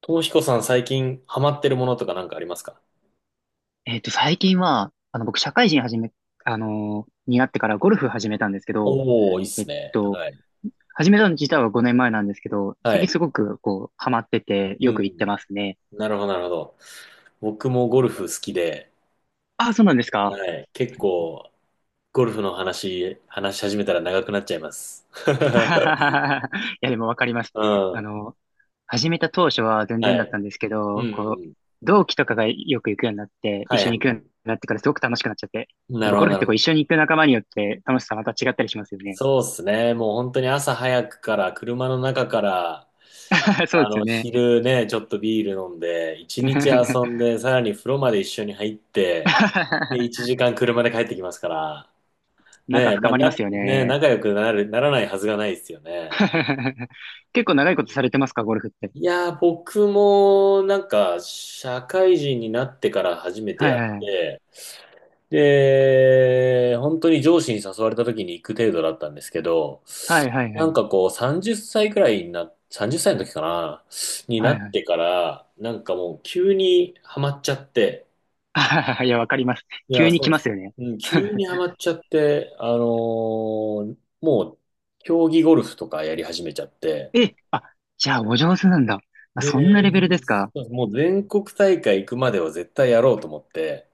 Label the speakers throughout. Speaker 1: ともひこさん最近ハマってるものとかなんかありますか？
Speaker 2: 最近は、僕、社会人始め、あのーになってからゴルフ始めたんですけど、
Speaker 1: おー、いいっ
Speaker 2: えっ
Speaker 1: すね。
Speaker 2: と、
Speaker 1: はい。
Speaker 2: 始めたの自体は5年前なんですけど、最
Speaker 1: は
Speaker 2: 近
Speaker 1: い。
Speaker 2: すごく、ハマってて、
Speaker 1: う
Speaker 2: よく行って
Speaker 1: ん。
Speaker 2: ますね。
Speaker 1: なるほど、なるほど。僕もゴルフ好きで、
Speaker 2: ああ、そうなんですか？
Speaker 1: はい。結構、ゴルフの話し始めたら長くなっちゃいます。
Speaker 2: いや、でもわかります。
Speaker 1: う
Speaker 2: あ
Speaker 1: ん。
Speaker 2: の、始めた当初は全然
Speaker 1: は
Speaker 2: だっ
Speaker 1: い。
Speaker 2: たんですけ
Speaker 1: う
Speaker 2: ど、
Speaker 1: ん。
Speaker 2: 同期とかがよく行くようになって、
Speaker 1: は
Speaker 2: 一
Speaker 1: い、は
Speaker 2: 緒
Speaker 1: い、
Speaker 2: に行く
Speaker 1: は
Speaker 2: ように
Speaker 1: い。
Speaker 2: なってからすごく楽しくなっちゃって。
Speaker 1: な
Speaker 2: やっ
Speaker 1: る
Speaker 2: ぱ
Speaker 1: ほ
Speaker 2: ゴ
Speaker 1: ど、
Speaker 2: ルフ
Speaker 1: な
Speaker 2: っ
Speaker 1: る
Speaker 2: て
Speaker 1: ほ
Speaker 2: こう一緒に
Speaker 1: ど。
Speaker 2: 行く仲間によって楽しさまた違ったりしますよね。
Speaker 1: そうっすね。もう本当に朝早くから、車の中から、
Speaker 2: そうですよね。
Speaker 1: 昼ね、ちょっとビール飲んで、一日遊ん で、さらに風呂まで一緒に入って、で、一時間車で帰ってきますから、
Speaker 2: 仲
Speaker 1: ねえ、ま
Speaker 2: 深
Speaker 1: あ、
Speaker 2: まりま
Speaker 1: ね
Speaker 2: すよ
Speaker 1: え、
Speaker 2: ね。
Speaker 1: 仲良くなる、ならないはずがないですよね。
Speaker 2: 結
Speaker 1: う
Speaker 2: 構長いこと
Speaker 1: ん。
Speaker 2: されてますか、ゴルフって？
Speaker 1: いやー、僕も、なんか、社会人になってから初めて
Speaker 2: はい
Speaker 1: やっ
Speaker 2: はい。
Speaker 1: て、で、本当に上司に誘われた時に行く程度だったんですけど、
Speaker 2: はいはいは
Speaker 1: なん
Speaker 2: い。
Speaker 1: かこう、30歳くらいにな、30歳の時かな、にな
Speaker 2: はい
Speaker 1: っ
Speaker 2: はい。
Speaker 1: てから、なんかもう急にハマっちゃって、
Speaker 2: あはははいや、わかります。
Speaker 1: いやー、
Speaker 2: 急に
Speaker 1: そ
Speaker 2: 来
Speaker 1: うで
Speaker 2: ます
Speaker 1: す。
Speaker 2: よね。
Speaker 1: うん、急にハマ っちゃって、もう、競技ゴルフとかやり始めちゃって、
Speaker 2: え、あ、じゃあお上手なんだ。あ、そんなレ
Speaker 1: で、
Speaker 2: ベルですか？
Speaker 1: そうですもう全国大会行くまでは絶対やろうと思って、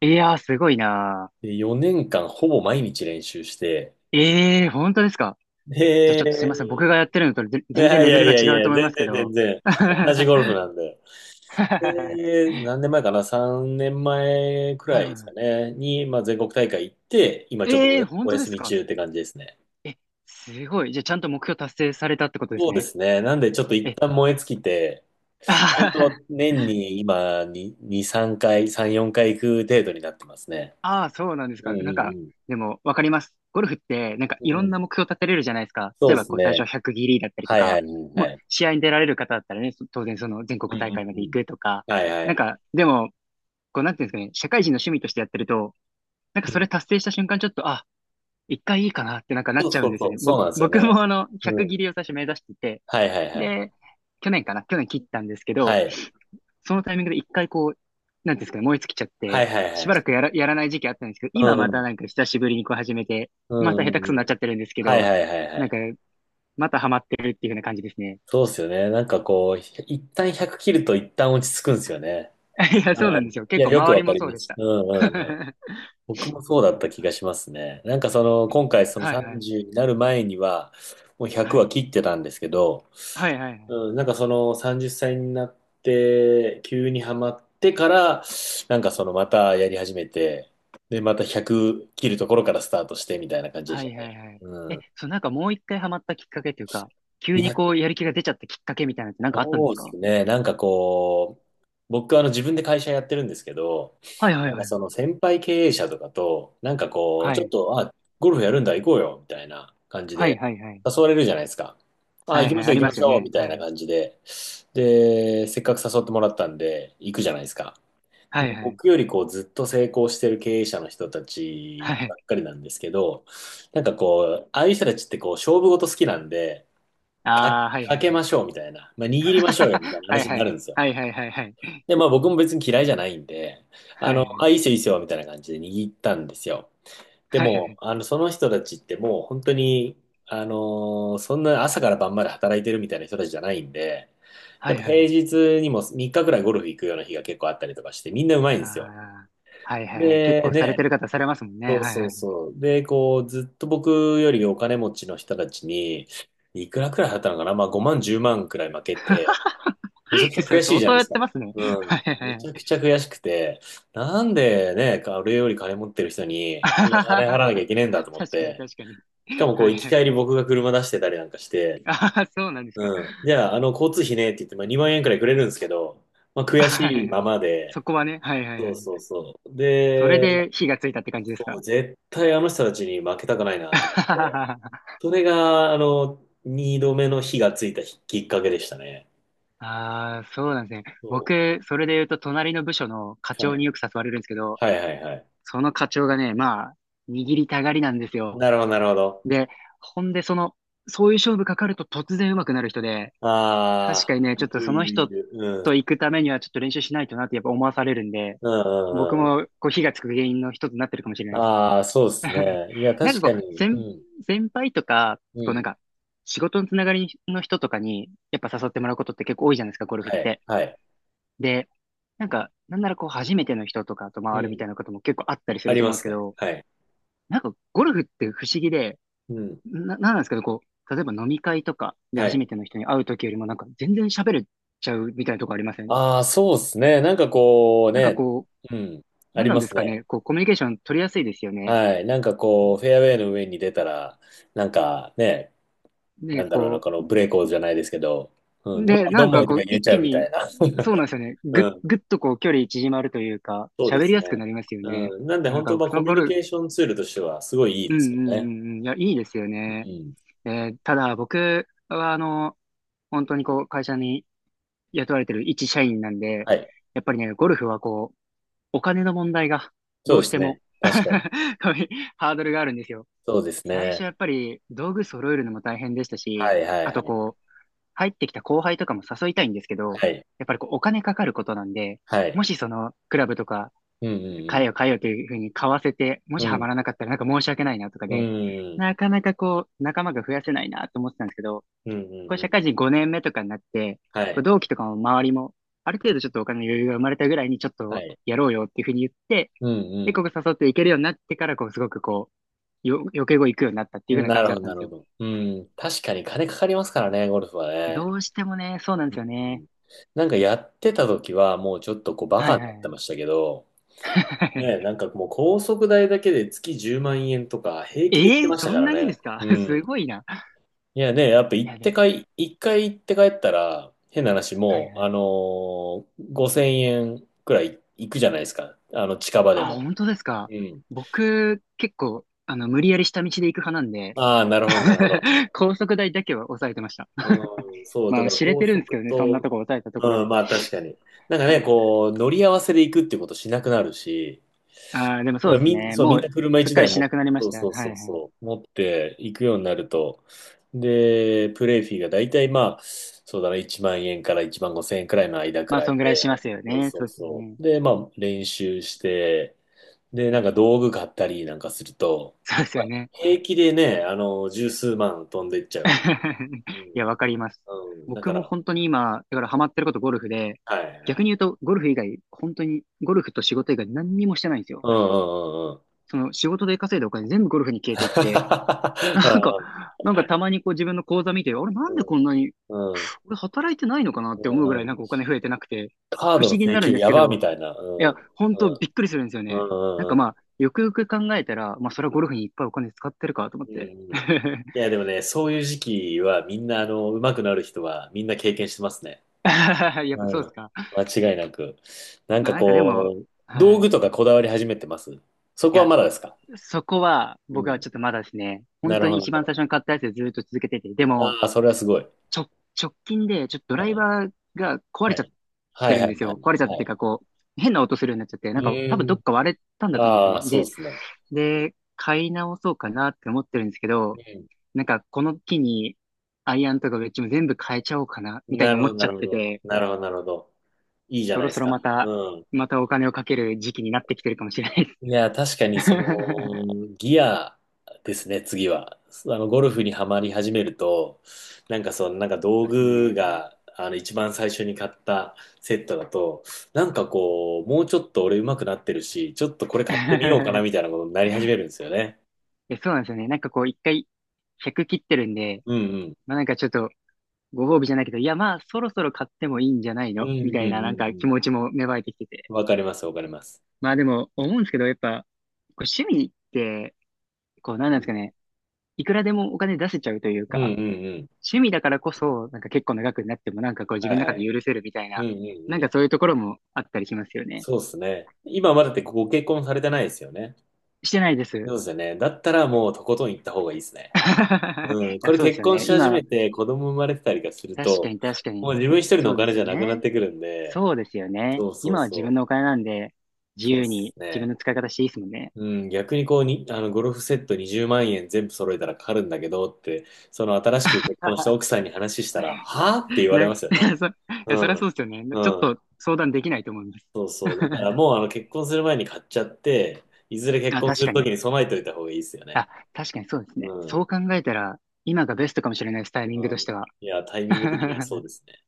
Speaker 2: いやー、すごいな
Speaker 1: で、4年間ほぼ毎日練習して、
Speaker 2: ー。本当ですか？え、じゃあちょっとすいません。僕
Speaker 1: で、
Speaker 2: がやってるのと
Speaker 1: い
Speaker 2: 全然
Speaker 1: やい
Speaker 2: レベ
Speaker 1: や
Speaker 2: ル
Speaker 1: い
Speaker 2: が
Speaker 1: や
Speaker 2: 違
Speaker 1: い
Speaker 2: うと
Speaker 1: や、
Speaker 2: 思いま
Speaker 1: 全
Speaker 2: すけ
Speaker 1: 然全
Speaker 2: ど。
Speaker 1: 然、同じ
Speaker 2: は
Speaker 1: ゴルフなんで。
Speaker 2: い
Speaker 1: で、何年前かな？ 3 年前く
Speaker 2: はい
Speaker 1: らいですか
Speaker 2: は
Speaker 1: ね、に、まあ、全国大会行って、今
Speaker 2: い。
Speaker 1: ちょっと
Speaker 2: 本
Speaker 1: お
Speaker 2: 当で
Speaker 1: 休
Speaker 2: す
Speaker 1: み
Speaker 2: か？
Speaker 1: 中って感じですね。
Speaker 2: え、すごい。じゃあちゃんと目標達成されたってことで
Speaker 1: そ
Speaker 2: す
Speaker 1: うで
Speaker 2: ね。
Speaker 1: すね。なんでちょっと一
Speaker 2: え、
Speaker 1: 旦燃え尽きて、本当は 年に今に2、3回、3、4回行く程度になってますね。
Speaker 2: ああ、そうなんです
Speaker 1: う
Speaker 2: か？なんか、
Speaker 1: ん
Speaker 2: でも、わかります。ゴルフって、なんか、
Speaker 1: うん
Speaker 2: い
Speaker 1: う
Speaker 2: ろ
Speaker 1: ん。う
Speaker 2: んな
Speaker 1: ん。
Speaker 2: 目標立てれるじゃないですか。例
Speaker 1: そ
Speaker 2: え
Speaker 1: うで
Speaker 2: ば、
Speaker 1: す
Speaker 2: 最初は
Speaker 1: ね。
Speaker 2: 100ギリだったりと
Speaker 1: はいは
Speaker 2: か、
Speaker 1: いはいは
Speaker 2: もう、
Speaker 1: い。
Speaker 2: 試合に出られる方だったらね、当然、全国
Speaker 1: うんう
Speaker 2: 大会
Speaker 1: ん
Speaker 2: まで
Speaker 1: う
Speaker 2: 行
Speaker 1: ん。
Speaker 2: くとか、
Speaker 1: はいは
Speaker 2: なん
Speaker 1: い。
Speaker 2: か、でも、なんていうんですかね、社会人の趣味としてやってると、なんか、
Speaker 1: う
Speaker 2: それ
Speaker 1: ん。
Speaker 2: 達成した瞬間、ちょっと、あ、一回いいかなって、なんか、なっ
Speaker 1: そう
Speaker 2: ちゃう
Speaker 1: そ
Speaker 2: ん
Speaker 1: う
Speaker 2: です
Speaker 1: そ
Speaker 2: よね。
Speaker 1: う。そうなんですよ
Speaker 2: 僕
Speaker 1: ね。
Speaker 2: も、
Speaker 1: う
Speaker 2: 100
Speaker 1: ん。
Speaker 2: ギリを最初目指してて、
Speaker 1: はいはいはい。
Speaker 2: で、去年かな、去年切ったんですけど、
Speaker 1: はい。
Speaker 2: そのタイミングで一回なんていうんですかね、燃え尽きちゃっ
Speaker 1: はい
Speaker 2: て、
Speaker 1: はいは
Speaker 2: しばら
Speaker 1: い。
Speaker 2: くやらない時期あったんですけど、
Speaker 1: う
Speaker 2: 今また
Speaker 1: ん。
Speaker 2: なんか久しぶりにこう始めて、
Speaker 1: うん
Speaker 2: また下手くそに
Speaker 1: うん
Speaker 2: な
Speaker 1: う
Speaker 2: っちゃ
Speaker 1: ん。
Speaker 2: ってるんですけ
Speaker 1: はい
Speaker 2: ど、
Speaker 1: はいはいは
Speaker 2: なんか、
Speaker 1: い。
Speaker 2: またハマってるっていう風な感じですね。
Speaker 1: そうですよね。なんかこう、一旦100切ると一旦落ち着くんですよね。
Speaker 2: いや、
Speaker 1: う
Speaker 2: そうな
Speaker 1: ん。
Speaker 2: んですよ。
Speaker 1: い
Speaker 2: 結
Speaker 1: や、
Speaker 2: 構
Speaker 1: よく
Speaker 2: 周
Speaker 1: わ
Speaker 2: り
Speaker 1: か
Speaker 2: も
Speaker 1: り
Speaker 2: そう
Speaker 1: ま
Speaker 2: でし
Speaker 1: す。う
Speaker 2: た。
Speaker 1: ん うんうん。
Speaker 2: あ
Speaker 1: 僕もそうだっ
Speaker 2: の
Speaker 1: た気がしますね。なんかその、
Speaker 2: でも、
Speaker 1: 今回その
Speaker 2: はいはい。
Speaker 1: 30になる前には、もう
Speaker 2: は
Speaker 1: 100は
Speaker 2: い。
Speaker 1: 切ってたんですけど、
Speaker 2: はいはいはい。
Speaker 1: うん、なんかその30歳になって急にハマってから、なんかそのまたやり始めて、でまた100切るところからスタートしてみたいな感じでし
Speaker 2: はい
Speaker 1: た
Speaker 2: はい
Speaker 1: ね。
Speaker 2: はい。
Speaker 1: う
Speaker 2: え、
Speaker 1: ん、
Speaker 2: そう、なんかもう一回ハマったきっかけというか、急
Speaker 1: い
Speaker 2: に
Speaker 1: や
Speaker 2: こうやる気が出ちゃったきっかけみたいなのってなんかあったんで
Speaker 1: そ
Speaker 2: す
Speaker 1: うで
Speaker 2: か？
Speaker 1: すね。なんかこう、僕自分で会社やってるんですけど、
Speaker 2: はいはい
Speaker 1: なん
Speaker 2: は
Speaker 1: か
Speaker 2: いは
Speaker 1: そ
Speaker 2: い。
Speaker 1: の先輩経営者とかと、なんかこう、
Speaker 2: は
Speaker 1: ちょっ
Speaker 2: い。
Speaker 1: と、あ、ゴルフやるんだ、行こうよ、みたいな感じ
Speaker 2: はい
Speaker 1: で、
Speaker 2: はいはい。
Speaker 1: 誘われるじゃないですか。あ、
Speaker 2: は
Speaker 1: 行
Speaker 2: い
Speaker 1: きま
Speaker 2: はい。
Speaker 1: しょ
Speaker 2: あ
Speaker 1: う、
Speaker 2: り
Speaker 1: 行き
Speaker 2: ま
Speaker 1: ま
Speaker 2: す
Speaker 1: し
Speaker 2: よ
Speaker 1: ょう、み
Speaker 2: ね。
Speaker 1: た
Speaker 2: は
Speaker 1: いな
Speaker 2: い。
Speaker 1: 感じで。で、せっかく誘ってもらったんで、行くじゃないですか。
Speaker 2: は
Speaker 1: で、
Speaker 2: いはい。
Speaker 1: 僕よりこう、ずっと成功してる経営者の人た
Speaker 2: は
Speaker 1: ち
Speaker 2: い。
Speaker 1: ばっかりなんですけど、なんかこう、ああいう人たちってこう、勝負事好きなんで、あ、
Speaker 2: ああ、はいは
Speaker 1: 開
Speaker 2: い
Speaker 1: け
Speaker 2: は
Speaker 1: ま
Speaker 2: い。
Speaker 1: しょうみたいな。まあ、握りましょうよみたい な
Speaker 2: はい
Speaker 1: 話に
Speaker 2: はい
Speaker 1: な
Speaker 2: は
Speaker 1: るん
Speaker 2: い。
Speaker 1: ですよ。
Speaker 2: はいはいはい。
Speaker 1: で、まあ僕も別に嫌いじゃないんで、
Speaker 2: はい
Speaker 1: あ、いいっ
Speaker 2: は
Speaker 1: すよいいっすよみたいな感じで握ったんですよ。
Speaker 2: い
Speaker 1: でも、
Speaker 2: はい。
Speaker 1: その人たちってもう本当に、あのそんな朝から晩まで働いてるみたいな人たちじゃないんで、
Speaker 2: は
Speaker 1: やっ
Speaker 2: い
Speaker 1: ぱ
Speaker 2: はいはい。はいは
Speaker 1: 平
Speaker 2: い。
Speaker 1: 日にも3日くらいゴルフ行くような日が結構あったりとかして、みんなうまいんですよ。
Speaker 2: ああ、はいはいはい。結
Speaker 1: で、
Speaker 2: 構され
Speaker 1: ね、
Speaker 2: てる方されますもんね。
Speaker 1: そう
Speaker 2: はい
Speaker 1: そ
Speaker 2: は
Speaker 1: う
Speaker 2: い。
Speaker 1: そう。で、こう、ずっと僕よりお金持ちの人たちに、いくらくらい払ったのかな、まあ5万、10万くらい負けて、めちゃくちゃ
Speaker 2: それ
Speaker 1: 悔しい
Speaker 2: 相
Speaker 1: じゃな
Speaker 2: 当
Speaker 1: いで
Speaker 2: やっ
Speaker 1: すか。
Speaker 2: てますね。
Speaker 1: うん。
Speaker 2: はいはいは
Speaker 1: めち
Speaker 2: い。
Speaker 1: ゃくちゃ悔しくて、なんでね、あれより金持ってる人
Speaker 2: あ
Speaker 1: に、こんな
Speaker 2: は
Speaker 1: 金払
Speaker 2: は
Speaker 1: わなきゃいけねえんだ
Speaker 2: は
Speaker 1: と思っ
Speaker 2: 確かに
Speaker 1: て、
Speaker 2: 確かに。
Speaker 1: しかもこ
Speaker 2: は
Speaker 1: う、
Speaker 2: い
Speaker 1: 行き
Speaker 2: はいは
Speaker 1: 帰
Speaker 2: い。
Speaker 1: り僕が車出してたりなんかして、
Speaker 2: ああ、そうなんですか？
Speaker 1: うん。じゃあ、交通費ねって言って、まあ、2万円くらいくれるんですけど、まあ、悔
Speaker 2: はいは
Speaker 1: しい
Speaker 2: いは
Speaker 1: ま
Speaker 2: い。
Speaker 1: まで、
Speaker 2: そこはね、はいはい
Speaker 1: そ
Speaker 2: は
Speaker 1: う
Speaker 2: い。
Speaker 1: そうそう。
Speaker 2: それ
Speaker 1: で、
Speaker 2: で火がついたって感じです
Speaker 1: もう
Speaker 2: か？
Speaker 1: 絶対あの人たちに負けたくないなと思って、それが、2度目の火がついたきっかけでしたね。
Speaker 2: ああ、そうなんですね。
Speaker 1: そ
Speaker 2: 僕、それで言うと、隣の部署の課
Speaker 1: う。は
Speaker 2: 長に
Speaker 1: い。
Speaker 2: よく誘われるんですけど、
Speaker 1: はいはいはい。
Speaker 2: その課長がね、まあ、握りたがりなんですよ。
Speaker 1: なるほど、なるほど。
Speaker 2: で、ほんで、そういう勝負かかると突然上手くなる人で、確
Speaker 1: ああ、
Speaker 2: かにね、ち
Speaker 1: い
Speaker 2: ょっと
Speaker 1: る
Speaker 2: そ
Speaker 1: い
Speaker 2: の
Speaker 1: るい
Speaker 2: 人
Speaker 1: る。うん。
Speaker 2: と行くためにはちょっと練習しないとなってやっぱ思わされるんで、
Speaker 1: うん
Speaker 2: 僕
Speaker 1: うんう
Speaker 2: も
Speaker 1: ん。
Speaker 2: こう火がつく原因の一つになってるかもしれないです。
Speaker 1: ああ、そうです ね。いや、
Speaker 2: な
Speaker 1: 確
Speaker 2: んか
Speaker 1: か
Speaker 2: こう、
Speaker 1: に。うん。
Speaker 2: 先輩とか、
Speaker 1: う
Speaker 2: こうなん
Speaker 1: ん。
Speaker 2: か、仕事のつながりの人とかに、やっぱ誘ってもらうことって結構多いじゃないですか、ゴルフっ
Speaker 1: はい。
Speaker 2: て。
Speaker 1: はい。
Speaker 2: で、なんか、なんならこう、初めての人とかと
Speaker 1: う
Speaker 2: 回るみ
Speaker 1: ん。
Speaker 2: たいなことも結構あったりす
Speaker 1: あ
Speaker 2: る
Speaker 1: り
Speaker 2: と
Speaker 1: ま
Speaker 2: 思うんです
Speaker 1: す
Speaker 2: け
Speaker 1: ね。
Speaker 2: ど、
Speaker 1: はい。
Speaker 2: なんかゴルフって不思議で、
Speaker 1: うん。
Speaker 2: なんなんですかね、こう、例えば飲み会とかで
Speaker 1: は
Speaker 2: 初
Speaker 1: い。
Speaker 2: めての人に会うときよりもなんか全然喋れちゃうみたいなとこありません？
Speaker 1: ああ、そうですね。なんかこう
Speaker 2: なんか
Speaker 1: ね。
Speaker 2: こ
Speaker 1: うん。
Speaker 2: う、
Speaker 1: あ
Speaker 2: なん
Speaker 1: り
Speaker 2: なん
Speaker 1: ま
Speaker 2: で
Speaker 1: す
Speaker 2: すか
Speaker 1: ね。
Speaker 2: ね、こう、コミュニケーション取りやすいですよね。
Speaker 1: はい。なんかこう、フェアウェイの上に出たら、なんかね、な
Speaker 2: ね、
Speaker 1: んだろうな、
Speaker 2: こ
Speaker 1: このブレイコーじゃないですけど、うん。
Speaker 2: う、
Speaker 1: どん
Speaker 2: で、
Speaker 1: まい
Speaker 2: な
Speaker 1: ど
Speaker 2: ん
Speaker 1: んま
Speaker 2: か
Speaker 1: いと
Speaker 2: こ
Speaker 1: か
Speaker 2: う、
Speaker 1: 言え
Speaker 2: 一
Speaker 1: ちゃ
Speaker 2: 気
Speaker 1: うみた
Speaker 2: に、
Speaker 1: いな。
Speaker 2: そうなんですよね、
Speaker 1: うん。
Speaker 2: ぐっとこう、距離縮まるというか、
Speaker 1: そうで
Speaker 2: 喋り
Speaker 1: す
Speaker 2: やすく
Speaker 1: ね。
Speaker 2: なりますよね。
Speaker 1: うん。なんで
Speaker 2: なん
Speaker 1: 本当、
Speaker 2: か、
Speaker 1: まあ、
Speaker 2: そ
Speaker 1: コ
Speaker 2: の
Speaker 1: ミュ
Speaker 2: ゴ
Speaker 1: ニ
Speaker 2: ルフ、
Speaker 1: ケーションツールとしては、すごいいい
Speaker 2: う
Speaker 1: で
Speaker 2: ん
Speaker 1: すよ
Speaker 2: うん
Speaker 1: ね。
Speaker 2: うんうん、いや、いいですよ
Speaker 1: う
Speaker 2: ね。
Speaker 1: ん。
Speaker 2: ただ僕は、本当にこう、会社に雇われてる一社員なんで、
Speaker 1: はい。
Speaker 2: やっぱりね、ゴルフはこう、お金の問題が
Speaker 1: そ
Speaker 2: ど
Speaker 1: うで
Speaker 2: うし
Speaker 1: す
Speaker 2: ても
Speaker 1: ね。確かに。
Speaker 2: こういうハードルがあるんですよ。
Speaker 1: そうです
Speaker 2: 最初
Speaker 1: ね。
Speaker 2: やっぱり道具揃えるのも大変でした
Speaker 1: は
Speaker 2: し、
Speaker 1: いはい
Speaker 2: あ
Speaker 1: は
Speaker 2: と
Speaker 1: い。
Speaker 2: こう、入ってきた後輩とかも誘いたいんですけど、
Speaker 1: はい。
Speaker 2: やっぱりこう、お金かかることなんで、
Speaker 1: はい。
Speaker 2: もしその、クラブとか、
Speaker 1: うんう
Speaker 2: 買え
Speaker 1: ん
Speaker 2: よ買えよというふうに買わせて、もし
Speaker 1: う
Speaker 2: ハマ
Speaker 1: ん。
Speaker 2: らなかったらなんか申し訳ないなとか
Speaker 1: うん。
Speaker 2: で、
Speaker 1: うん
Speaker 2: なかなかこう、仲間が増やせないなと思ってたんですけど、
Speaker 1: うんう
Speaker 2: こ
Speaker 1: ん
Speaker 2: う
Speaker 1: う
Speaker 2: 社
Speaker 1: ん。
Speaker 2: 会人5年目とかになって、
Speaker 1: は
Speaker 2: こう
Speaker 1: い。
Speaker 2: 同期とかも周りも、ある程度ちょっとお金の余裕が生まれたぐらいにちょっ
Speaker 1: は
Speaker 2: と
Speaker 1: い。
Speaker 2: やろうよっていうふうに言って、
Speaker 1: う
Speaker 2: で、
Speaker 1: ん
Speaker 2: ここ誘っていけるようになってから、こうすごくこう、余計語行くようになったって
Speaker 1: う
Speaker 2: いうふう
Speaker 1: ん。
Speaker 2: な
Speaker 1: な
Speaker 2: 感
Speaker 1: る
Speaker 2: じ
Speaker 1: ほ
Speaker 2: だ
Speaker 1: ど
Speaker 2: ったん
Speaker 1: な
Speaker 2: で
Speaker 1: る
Speaker 2: す
Speaker 1: ほ
Speaker 2: よ。
Speaker 1: ど。うん。確かに金かかりますからね、ゴルフは
Speaker 2: ど
Speaker 1: ね。
Speaker 2: うしてもね、そうなん
Speaker 1: う
Speaker 2: ですよね。
Speaker 1: ん、なんかやってた時はもうちょっとこうバ
Speaker 2: は
Speaker 1: カ
Speaker 2: い
Speaker 1: にな
Speaker 2: は
Speaker 1: っ
Speaker 2: いは
Speaker 1: て
Speaker 2: い。
Speaker 1: ましたけど、ね、なん かもう高速代だけで月10万円とか平
Speaker 2: え
Speaker 1: 気で言ってました
Speaker 2: そ
Speaker 1: か
Speaker 2: ん
Speaker 1: ら
Speaker 2: なにで
Speaker 1: ね。
Speaker 2: すか？
Speaker 1: う
Speaker 2: す
Speaker 1: ん。
Speaker 2: ごいな。
Speaker 1: いやね、やっぱ
Speaker 2: い
Speaker 1: 行っ
Speaker 2: や、で
Speaker 1: て
Speaker 2: も、
Speaker 1: かい、一回行って帰ったら、変な話
Speaker 2: はいは
Speaker 1: もう、
Speaker 2: い。
Speaker 1: 5000円くらい行くじゃないですか。近場で
Speaker 2: あ、
Speaker 1: も。
Speaker 2: 本当ですか？
Speaker 1: うん。
Speaker 2: 僕、結構、無理やり下道で行く派なんで、
Speaker 1: ああ、なるほど、なるほど。
Speaker 2: 高速代だけは抑えてました。
Speaker 1: うん、そう、だ
Speaker 2: まあ、
Speaker 1: から
Speaker 2: 知れ
Speaker 1: 高
Speaker 2: てるんですけ
Speaker 1: 速
Speaker 2: どね、そんな
Speaker 1: と、
Speaker 2: とこ抑えたところ
Speaker 1: う
Speaker 2: で。
Speaker 1: ん、まあ確かに。なんかね、こう、乗り合わせで行くってことしなくなるし、
Speaker 2: ああ、でも
Speaker 1: い
Speaker 2: そう
Speaker 1: や、
Speaker 2: ですね。
Speaker 1: そう、
Speaker 2: も
Speaker 1: みんな
Speaker 2: う、
Speaker 1: 車
Speaker 2: すっ
Speaker 1: 一
Speaker 2: かり
Speaker 1: 台
Speaker 2: し
Speaker 1: も、
Speaker 2: なくなりま
Speaker 1: そ
Speaker 2: し
Speaker 1: う
Speaker 2: た。は
Speaker 1: そ
Speaker 2: い
Speaker 1: う
Speaker 2: は
Speaker 1: そう
Speaker 2: い。
Speaker 1: そう、持っていくようになると、で、プレイフィーがだいたいまあ、そうだな、1万円から1万5千円くらいの間く
Speaker 2: まあ、
Speaker 1: ら
Speaker 2: そ
Speaker 1: い
Speaker 2: んぐらいしま
Speaker 1: で、
Speaker 2: すよ
Speaker 1: そう
Speaker 2: ね。
Speaker 1: そ
Speaker 2: そ
Speaker 1: う
Speaker 2: うですよ
Speaker 1: そ
Speaker 2: ね。
Speaker 1: う。で、まあ、練習して、で、
Speaker 2: は
Speaker 1: なん
Speaker 2: い、
Speaker 1: か道具買ったりなんかすると、
Speaker 2: そうです
Speaker 1: ま
Speaker 2: よ
Speaker 1: あ、
Speaker 2: ね。
Speaker 1: 平気でね、十数万飛んでっちゃう。う
Speaker 2: いや、
Speaker 1: ん。
Speaker 2: わかります。
Speaker 1: うん。だか
Speaker 2: 僕も
Speaker 1: ら、
Speaker 2: 本当に今、だからハマってることゴルフで、
Speaker 1: はい、は
Speaker 2: 逆
Speaker 1: い。
Speaker 2: に言うと、ゴルフ以外、本当に、ゴルフと仕事以外何にもしてないんですよ。
Speaker 1: うんうんうんうん。
Speaker 2: 仕事で稼いだお金全部ゴルフに 消えていって、
Speaker 1: あ
Speaker 2: なん
Speaker 1: ー、
Speaker 2: か、なんかたまにこう自分の口座見て、あれな
Speaker 1: う
Speaker 2: んでこんなに、
Speaker 1: んうん
Speaker 2: 俺働いてないのかな
Speaker 1: う
Speaker 2: って思うぐ
Speaker 1: んう
Speaker 2: らいなん
Speaker 1: ん、
Speaker 2: かお金増えてなくて、
Speaker 1: カー
Speaker 2: 不
Speaker 1: ドの
Speaker 2: 思議に
Speaker 1: 請
Speaker 2: なるん
Speaker 1: 求
Speaker 2: です
Speaker 1: や
Speaker 2: け
Speaker 1: ばみ
Speaker 2: ど、
Speaker 1: たいな。
Speaker 2: い
Speaker 1: う
Speaker 2: や、
Speaker 1: ん。
Speaker 2: 本
Speaker 1: う
Speaker 2: 当
Speaker 1: ん。
Speaker 2: びっくりするんですよ
Speaker 1: う
Speaker 2: ね。なん
Speaker 1: んう
Speaker 2: か
Speaker 1: んうん。
Speaker 2: まあ、よくよく考えたら、まあそれはゴルフにいっぱいお金使ってるかと思っ
Speaker 1: うん
Speaker 2: て。
Speaker 1: うんうん。 いや、でもね、そういう時期はみんな、上手くなる人はみんな経験してますね。
Speaker 2: やっぱ
Speaker 1: は
Speaker 2: そ
Speaker 1: い。
Speaker 2: うですか？
Speaker 1: 間違いなく。なん
Speaker 2: まあ
Speaker 1: か
Speaker 2: なんかでも、
Speaker 1: こう、
Speaker 2: は
Speaker 1: 道
Speaker 2: い。い
Speaker 1: 具とかこだわり始めてます？そこは
Speaker 2: や、
Speaker 1: まだですか？
Speaker 2: そこは
Speaker 1: う
Speaker 2: 僕は
Speaker 1: ん。
Speaker 2: ちょっとまだですね、
Speaker 1: な
Speaker 2: 本
Speaker 1: る
Speaker 2: 当
Speaker 1: ほ
Speaker 2: に
Speaker 1: ど、な
Speaker 2: 一
Speaker 1: るほ
Speaker 2: 番最
Speaker 1: ど。
Speaker 2: 初に買ったやつでずっと続けてて、でも、
Speaker 1: ああ、それはすごい。
Speaker 2: ちょ、直近でちょっとド
Speaker 1: は
Speaker 2: ライ
Speaker 1: い。
Speaker 2: バーが壊
Speaker 1: は
Speaker 2: れちゃっ
Speaker 1: い。は
Speaker 2: て
Speaker 1: い
Speaker 2: るん
Speaker 1: は
Speaker 2: で
Speaker 1: い
Speaker 2: す
Speaker 1: は
Speaker 2: よ。
Speaker 1: い。
Speaker 2: 壊れちゃった
Speaker 1: は
Speaker 2: っていう
Speaker 1: い。
Speaker 2: か、こう、変な音するようになっちゃって、
Speaker 1: う
Speaker 2: なんか
Speaker 1: ー
Speaker 2: 多分ど
Speaker 1: ん。
Speaker 2: っか割れたんだと思うんです
Speaker 1: あ
Speaker 2: よ
Speaker 1: あ、
Speaker 2: ね。
Speaker 1: そう
Speaker 2: で、
Speaker 1: ですね。
Speaker 2: 買い直そうかなって思ってるんですけど、
Speaker 1: うん。
Speaker 2: なんかこの機に、アイアンとかウェッジも全部変えちゃおうかな、みたい
Speaker 1: な
Speaker 2: に
Speaker 1: るほ
Speaker 2: 思
Speaker 1: ど、
Speaker 2: っち
Speaker 1: な
Speaker 2: ゃ
Speaker 1: る
Speaker 2: っ
Speaker 1: ほ
Speaker 2: て
Speaker 1: ど。
Speaker 2: て、
Speaker 1: なるほど、なるほど。いいじゃ
Speaker 2: そ
Speaker 1: ない
Speaker 2: ろ
Speaker 1: です
Speaker 2: そろ
Speaker 1: か。
Speaker 2: また、
Speaker 1: うん。
Speaker 2: またお金をかける時期になってきてるかもしれないです。
Speaker 1: いや、確かにそ の、ギアですね、次は。ゴルフにはまり始めると、なんかその、なんか道
Speaker 2: そうです
Speaker 1: 具
Speaker 2: ね。
Speaker 1: が、一番最初に買ったセットだと、なんかこう、もうちょっと俺上手くなってるし、ちょっとこれ買ってみようかな みたいなことになり始めるんですよね。
Speaker 2: いやそうなんですよね。なんかこう、一回100切ってるんで、
Speaker 1: うんうん。
Speaker 2: まあなんかちょっと、ご褒美じゃないけど、いやまあそろそろ買ってもいいんじゃない
Speaker 1: う
Speaker 2: のみ
Speaker 1: んうん
Speaker 2: た
Speaker 1: う
Speaker 2: いななんか気
Speaker 1: ん
Speaker 2: 持ちも芽生えてきてて。
Speaker 1: うん。わかります、わかります。
Speaker 2: まあでも思うんですけど、やっぱ、こう趣味って、こうなん
Speaker 1: う
Speaker 2: なんです
Speaker 1: ん
Speaker 2: かね、いくらでもお金出せちゃうという
Speaker 1: う
Speaker 2: か、
Speaker 1: んうんうん。
Speaker 2: 趣味だからこそ、なんか結構長くなってもなんかこう自
Speaker 1: は
Speaker 2: 分の
Speaker 1: いは
Speaker 2: 中で
Speaker 1: い。
Speaker 2: 許せるみたい
Speaker 1: う
Speaker 2: な、
Speaker 1: んう
Speaker 2: なん
Speaker 1: んう
Speaker 2: か
Speaker 1: ん。
Speaker 2: そういうところもあったりしますよね。
Speaker 1: そうですね。今まだってご結婚されてないですよね。
Speaker 2: してないです。
Speaker 1: そうですよね。だったらもうとことん行った方がいいですね。
Speaker 2: い
Speaker 1: うん、こ
Speaker 2: や、
Speaker 1: れ
Speaker 2: そうです
Speaker 1: 結
Speaker 2: よ
Speaker 1: 婚
Speaker 2: ね。
Speaker 1: し始
Speaker 2: 今、
Speaker 1: めて子供生まれてたりがする
Speaker 2: 確か
Speaker 1: と、
Speaker 2: に確か
Speaker 1: も
Speaker 2: に。
Speaker 1: う自分一人の
Speaker 2: そ
Speaker 1: お
Speaker 2: うで
Speaker 1: 金
Speaker 2: す
Speaker 1: じ
Speaker 2: よ
Speaker 1: ゃなくな
Speaker 2: ね。
Speaker 1: ってくるんで、
Speaker 2: そうですよね。
Speaker 1: そうそう
Speaker 2: 今は自分
Speaker 1: そう。
Speaker 2: のお金なんで、自
Speaker 1: そう
Speaker 2: 由
Speaker 1: です
Speaker 2: に自分
Speaker 1: ね。
Speaker 2: の使い方していいですもんね。
Speaker 1: うん、逆にこうに、ゴルフセット20万円全部揃えたらかかるんだけどって、その新しく結婚した奥 さんに話したら、はぁって言われま
Speaker 2: い
Speaker 1: すよね。
Speaker 2: や、いや、
Speaker 1: う
Speaker 2: そりゃそ
Speaker 1: ん。
Speaker 2: うですよね。ちょっ
Speaker 1: うん。
Speaker 2: と相談できないと思います。
Speaker 1: そうそう。だから もう結婚する前に買っちゃって、いずれ結
Speaker 2: あ、
Speaker 1: 婚す
Speaker 2: 確
Speaker 1: る
Speaker 2: か
Speaker 1: と
Speaker 2: に。
Speaker 1: きに備えておいた方がいいですよ
Speaker 2: あ、
Speaker 1: ね。
Speaker 2: 確かにそうです
Speaker 1: う
Speaker 2: ね。
Speaker 1: ん。
Speaker 2: そ
Speaker 1: う
Speaker 2: う考えたら、今がベストかもしれないです、タイミングとし
Speaker 1: ん。
Speaker 2: ては。
Speaker 1: いや、タイミング的にはそう ですね。